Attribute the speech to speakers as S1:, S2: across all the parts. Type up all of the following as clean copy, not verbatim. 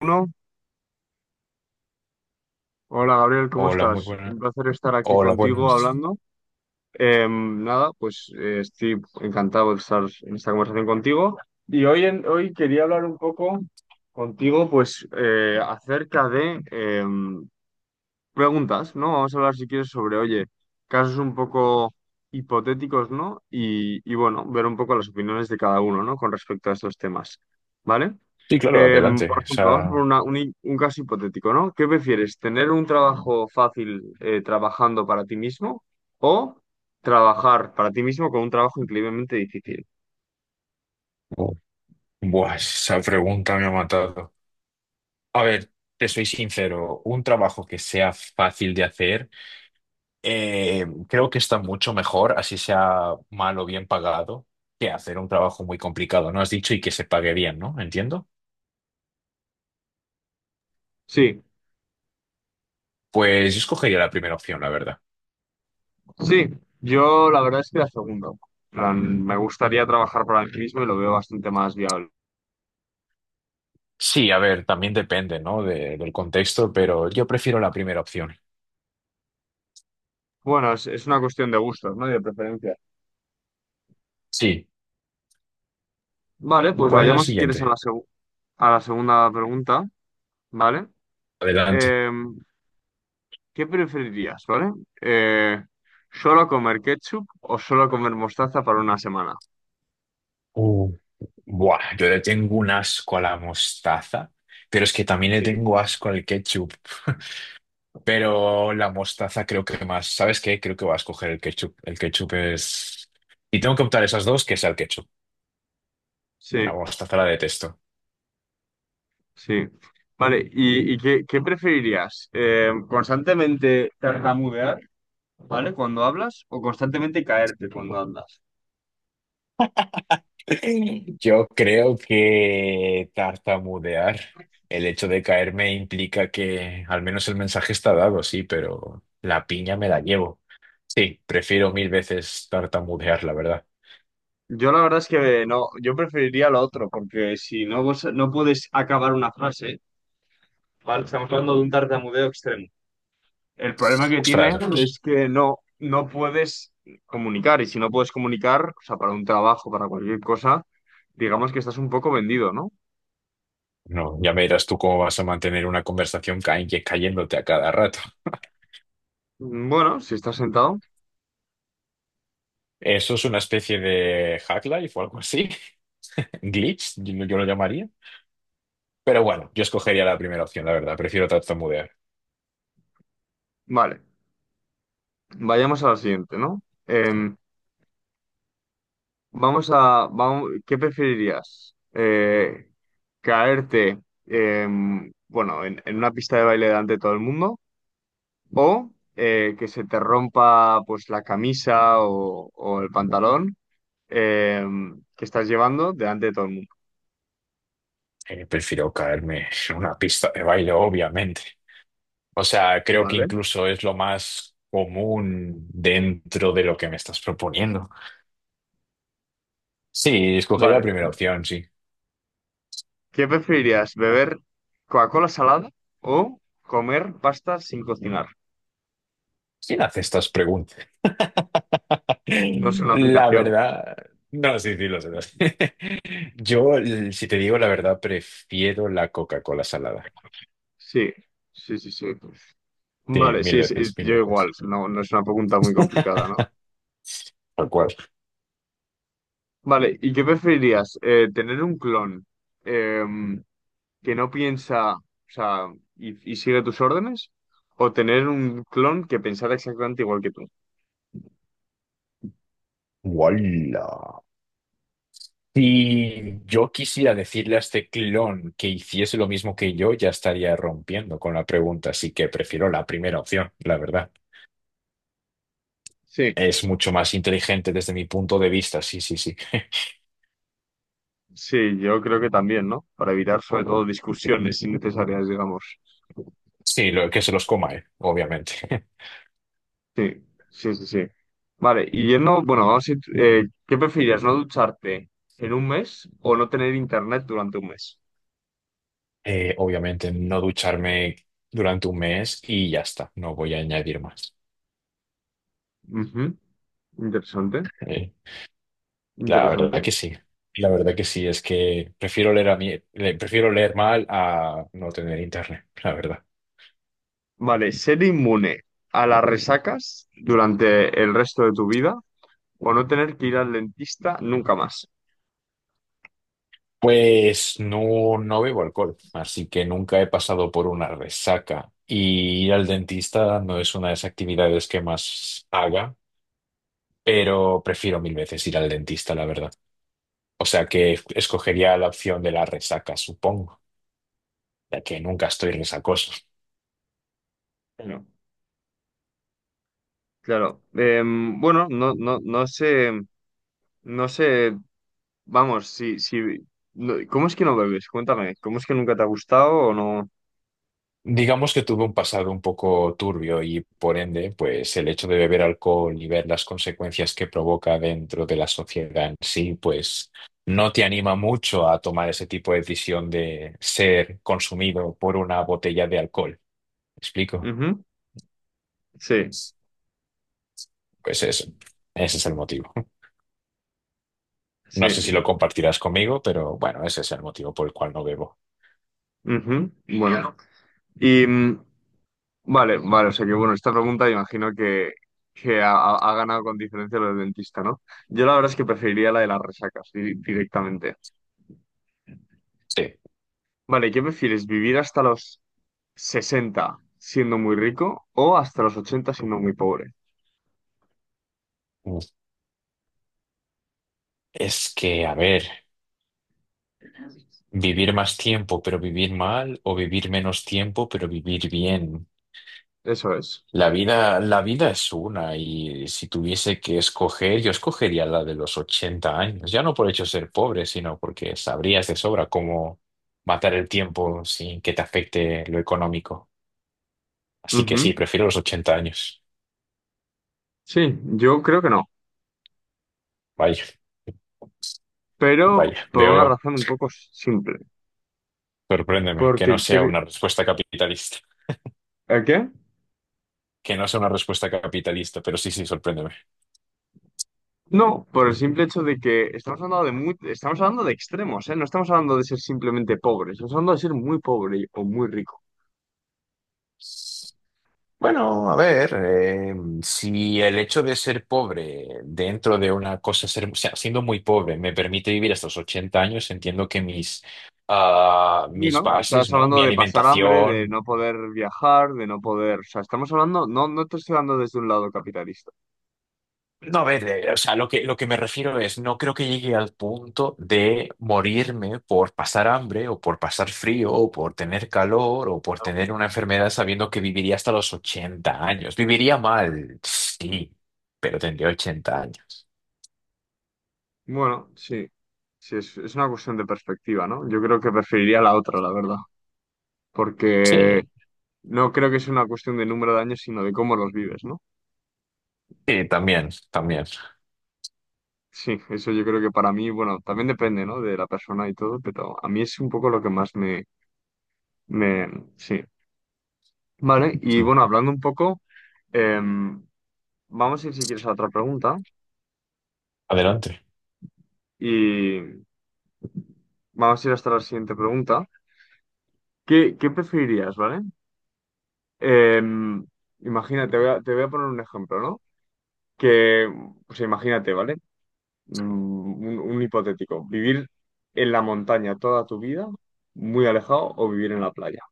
S1: Uno. Hola Gabriel, ¿cómo
S2: Hola, muy
S1: estás?
S2: buenas.
S1: Un placer estar aquí
S2: Hola,
S1: contigo
S2: buenas.
S1: hablando. Nada, pues estoy encantado de estar en esta conversación contigo. Y hoy quería hablar un poco contigo, pues acerca de preguntas, ¿no? Vamos a hablar si quieres sobre, oye, casos un poco hipotéticos, ¿no? Y bueno, ver un poco las opiniones de cada uno, ¿no? Con respecto a estos temas, ¿vale?
S2: Sí, claro, adelante.
S1: Por ejemplo, vamos a poner
S2: Esa,
S1: un caso hipotético, ¿no? ¿Qué prefieres? ¿Tener un trabajo fácil trabajando para ti mismo o trabajar para ti mismo con un trabajo increíblemente difícil?
S2: buah, esa pregunta me ha matado. A ver, te soy sincero, un trabajo que sea fácil de hacer, creo que está mucho mejor, así sea mal o bien pagado, que hacer un trabajo muy complicado, ¿no? Has dicho y que se pague bien, ¿no? Entiendo.
S1: Sí,
S2: Pues yo escogería la primera opción, la verdad.
S1: sí, yo la verdad es que la segunda. En plan, me gustaría trabajar para mí mismo y lo veo bastante más viable.
S2: Sí, a ver, también depende, ¿no? De- del contexto, pero yo prefiero la primera opción.
S1: Bueno, es una cuestión de gustos, ¿no? Y de preferencia.
S2: Sí.
S1: Vale, pues
S2: ¿Cuál es la
S1: vayamos si quieres a
S2: siguiente?
S1: la, segu- a la segunda pregunta, ¿vale?
S2: Adelante.
S1: Eh, ¿Qué preferirías? ¿Vale? Eh, ¿Solo comer ketchup o solo comer mostaza para una semana?
S2: Buah, yo le tengo un asco a la mostaza, pero es que también le
S1: Sí.
S2: tengo asco al ketchup. Pero la mostaza creo que más. ¿Sabes qué? Creo que voy a escoger el ketchup. El ketchup es... Y tengo que optar esas dos, que sea el ketchup. La
S1: Sí,
S2: mostaza la detesto.
S1: sí. Vale, ¿y qué preferirías? ¿Constantemente tartamudear? ¿Vale? ¿Cuando hablas o constantemente caerte cuando hablas?
S2: Yo creo que tartamudear, el hecho de caerme implica que al menos el mensaje está dado, sí, pero la piña me la llevo. Sí, prefiero mil veces tartamudear, la verdad.
S1: Yo la verdad es que no, yo preferiría lo otro, porque si no, no puedes acabar una frase, ¿vale? Estamos hablando de un tartamudeo extremo. El problema que tiene
S2: Ostras.
S1: es que no puedes comunicar, y si no puedes comunicar, o sea, para un trabajo, para cualquier cosa, digamos que estás un poco vendido, ¿no?
S2: No, ya me dirás tú cómo vas a mantener una conversación ca- cayéndote a cada rato.
S1: Bueno, si estás sentado,
S2: Eso es una especie de hack life o algo así. Glitch, yo lo llamaría. Pero bueno, yo escogería la primera opción, la verdad. Prefiero tartamudear.
S1: vale. Vayamos a la siguiente, ¿no? Vamos, ¿qué preferirías? ¿Caerte, bueno, en una pista de baile delante de todo el mundo, o que se te rompa pues la camisa o el pantalón, eh, que estás llevando delante de todo el mundo?
S2: Prefiero caerme en una pista de baile, obviamente. O sea, creo que
S1: Vale,
S2: incluso es lo más común dentro de lo que me estás proponiendo. Sí, escogería la
S1: vale.
S2: primera opción, sí.
S1: ¿Qué preferirías? ¿Beber Coca-Cola salada o comer pasta sin cocinar?
S2: ¿Quién hace estas preguntas?
S1: No es una
S2: La
S1: aplicación.
S2: verdad, no, sí, sí, lo sé, lo sé. Yo, l- si te digo la verdad, prefiero la Coca-Cola salada.
S1: Sí, sí, sí, sí.
S2: Sí,
S1: Vale,
S2: mil
S1: sí, sí,
S2: veces, mil
S1: yo
S2: veces.
S1: igual. No, no es una pregunta muy complicada, ¿no?
S2: Tal cual.
S1: Vale, ¿y qué preferirías? ¿Tener un clon eh, que no piensa, o sea, y sigue tus órdenes? ¿O tener un clon que pensara exactamente igual que tú?
S2: ¡Wala! Si yo quisiera decirle a este clon que hiciese lo mismo que yo, ya estaría rompiendo con la pregunta, así que prefiero la primera opción, la verdad.
S1: Sí.
S2: Es mucho más inteligente desde mi punto de vista, sí, sí, sí.
S1: Sí, yo creo que también, ¿no? Para evitar sobre todo discusiones innecesarias, digamos.
S2: Sí, lo, que se los coma, obviamente.
S1: Sí, sí, sí, sí. Vale, y yendo, bueno, vamos a ir, ¿qué preferirías, no ducharte en un mes o no tener internet durante un mes?
S2: Obviamente no ducharme durante un mes y ya está, no voy a añadir más.
S1: Ujú. Interesante,
S2: Eh, la
S1: interesante.
S2: verdad que sí, la verdad que sí, es que prefiero leer a mí, le- prefiero leer mal a no tener internet, la verdad.
S1: Vale, ser inmune a las resacas durante el resto de tu vida o no tener que ir al dentista nunca más.
S2: Pues no, no bebo alcohol, así que nunca he pasado por una resaca y ir al dentista no es una de las actividades que más haga, pero prefiero mil veces ir al dentista, la verdad. O sea que escogería la opción de la resaca, supongo, ya que nunca estoy resacoso.
S1: Claro. Claro. Bueno, no, no, no sé, no sé. Vamos, sí, sí. ¿Cómo es que no bebes? Cuéntame, ¿cómo es que nunca te ha gustado o no?
S2: Digamos que tuve un pasado un poco turbio y por ende, pues el hecho de beber alcohol y ver las consecuencias que provoca dentro de la sociedad en sí, pues no te anima mucho a tomar ese tipo de decisión de ser consumido por una botella de alcohol. ¿Me explico?
S1: Ujú. Sí,
S2: Pues eso, ese es el motivo. No sé si lo
S1: sí.
S2: compartirás conmigo, pero bueno, ese es el motivo por el cual no bebo.
S1: Ujú. Bueno. Y vale, vale, o sea que bueno, esta pregunta imagino que ha ganado con diferencia lo del dentista, ¿no? Yo la verdad es que preferiría la de las resacas directamente.
S2: Sí.
S1: Vale, ¿qué prefieres? ¿Vivir hasta los 60 siendo muy rico o hasta los 80 siendo muy pobre?
S2: Es que, a ver, vivir más tiempo, pero vivir mal, o vivir menos tiempo, pero vivir bien.
S1: Eso es.
S2: La vida es una, y si tuviese que escoger, yo escogería la de los 80 años. Ya no por hecho ser pobre, sino porque sabrías de sobra cómo matar el tiempo sin que te afecte lo económico. Así que sí,
S1: Ujú.
S2: prefiero los 80 años.
S1: Sí, yo creo que no,
S2: Vaya,
S1: pero
S2: vaya.
S1: por una
S2: Veo,
S1: razón un poco simple.
S2: sorpréndeme, que
S1: Porque,
S2: no sea una respuesta capitalista.
S1: ¿a qué?
S2: Que no sea una respuesta capitalista, pero sí, sí, sorpréndeme.
S1: No, por el simple hecho de que estamos hablando de extremos, ¿eh? No estamos hablando de ser simplemente pobres, estamos hablando de ser muy pobre o muy rico.
S2: Bueno, a ver, si el hecho de ser pobre dentro de una cosa, ser, o sea, siendo muy pobre, me permite vivir hasta los 80 años, entiendo que mis, ah,
S1: Y
S2: mis
S1: no,
S2: bases,
S1: estás
S2: ¿no?
S1: hablando
S2: Mi
S1: de pasar hambre, de
S2: alimentación.
S1: no poder viajar, de no poder, o sea, estamos hablando, no te estoy hablando desde un lado capitalista.
S2: No, a ver, o sea, lo que me refiero es, no creo que llegue al punto de morirme por pasar hambre o por pasar frío o por tener calor o por tener una enfermedad sabiendo que viviría hasta los 80 años. Viviría mal, sí, pero tendría 80 años.
S1: Bueno, sí, sí, es una cuestión de perspectiva, ¿no? Yo creo que preferiría la otra, la verdad, porque
S2: Sí.
S1: no creo que sea una cuestión de número de años, sino de cómo los vives, ¿no?
S2: Sí, también, también.
S1: Sí, eso yo creo que para mí, bueno, también depende, ¿no? De la persona y todo, pero a mí es un poco lo que más me, sí. Vale, y
S2: Mm,
S1: bueno, hablando un poco, em, vamos a ir si quieres a otra pregunta
S2: adelante.
S1: y vamos a ir hasta la siguiente pregunta. ¿Qué preferirías, vale? Em, Imagínate, te voy a poner un ejemplo, ¿no? Que, pues imagínate, ¿vale? Mm, un hipotético, vivir en la montaña toda tu vida, muy alejado, o vivir en la playa.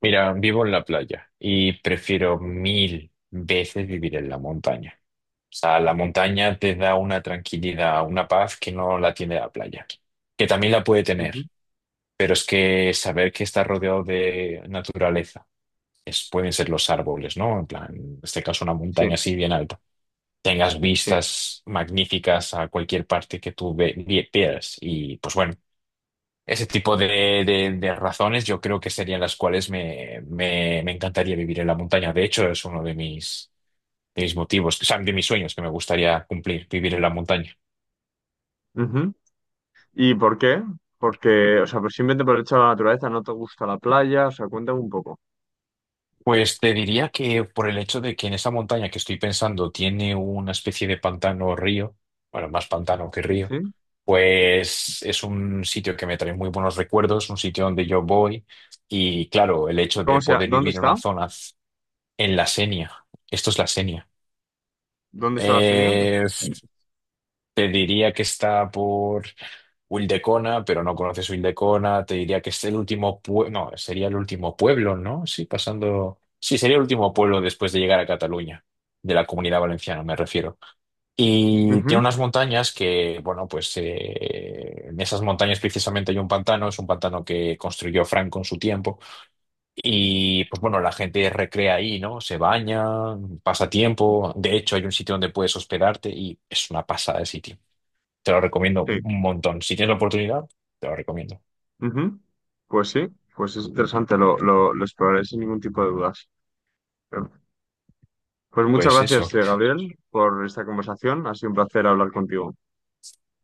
S2: Mira, vivo en la playa y prefiero mil veces vivir en la montaña. O sea, la montaña te da una tranquilidad, una paz que no la tiene la playa, que también la puede tener,
S1: Ujú.
S2: pero es que saber que estás rodeado de naturaleza, es, pueden ser los árboles, ¿no? En plan, en este caso una montaña
S1: Sí.
S2: así bien alta. Tengas
S1: Sí.
S2: vistas magníficas a cualquier parte que tú ve- vi- veas y pues bueno. Ese tipo de razones yo creo que serían las cuales me, me- me encantaría vivir en la montaña. De hecho, es uno de mis motivos, o sea, de mis sueños que me gustaría cumplir, vivir en la montaña.
S1: Ujú. ¿Y por qué? Porque, o sea, pues simplemente por el hecho de la naturaleza, no te gusta la playa, o sea, cuéntame un poco.
S2: Pues te diría que por el hecho de que en esa montaña que estoy pensando tiene una especie de pantano o río, bueno, más pantano que río,
S1: ¿Sí?
S2: pues es un sitio que me trae muy buenos recuerdos, un sitio donde yo voy y claro, el hecho de
S1: ¿Cómo se llama?
S2: poder
S1: ¿Dónde
S2: vivir en una
S1: está?
S2: zona en la Senia, esto es la Senia.
S1: ¿Dónde está la Xenia?
S2: eh, Te diría que está por Wildecona, pero no conoces Wildecona. Te diría que es el último pueblo. No, sería el último pueblo, ¿no? Sí, pasando. Sí, sería el último pueblo después de llegar a Cataluña, de la Comunidad Valenciana, me refiero. Y tiene
S1: Ujú.
S2: unas montañas que, bueno, pues en esas montañas precisamente hay un pantano, es un pantano que construyó Franco en su tiempo. Y pues bueno, la gente recrea ahí, ¿no? Se baña, pasa tiempo. De hecho, hay un sitio donde puedes hospedarte y es una pasada de sitio. Te lo recomiendo
S1: Sí.
S2: un montón. Si tienes la oportunidad, te lo recomiendo.
S1: Ujú. Pues sí, pues es interesante, lo exploraré sin ningún tipo de dudas. Pues muchas
S2: Pues
S1: gracias,
S2: eso.
S1: Gabriel, por esta conversación. Ha sido un placer hablar contigo.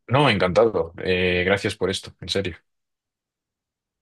S2: No, encantado. Gracias por esto, en serio.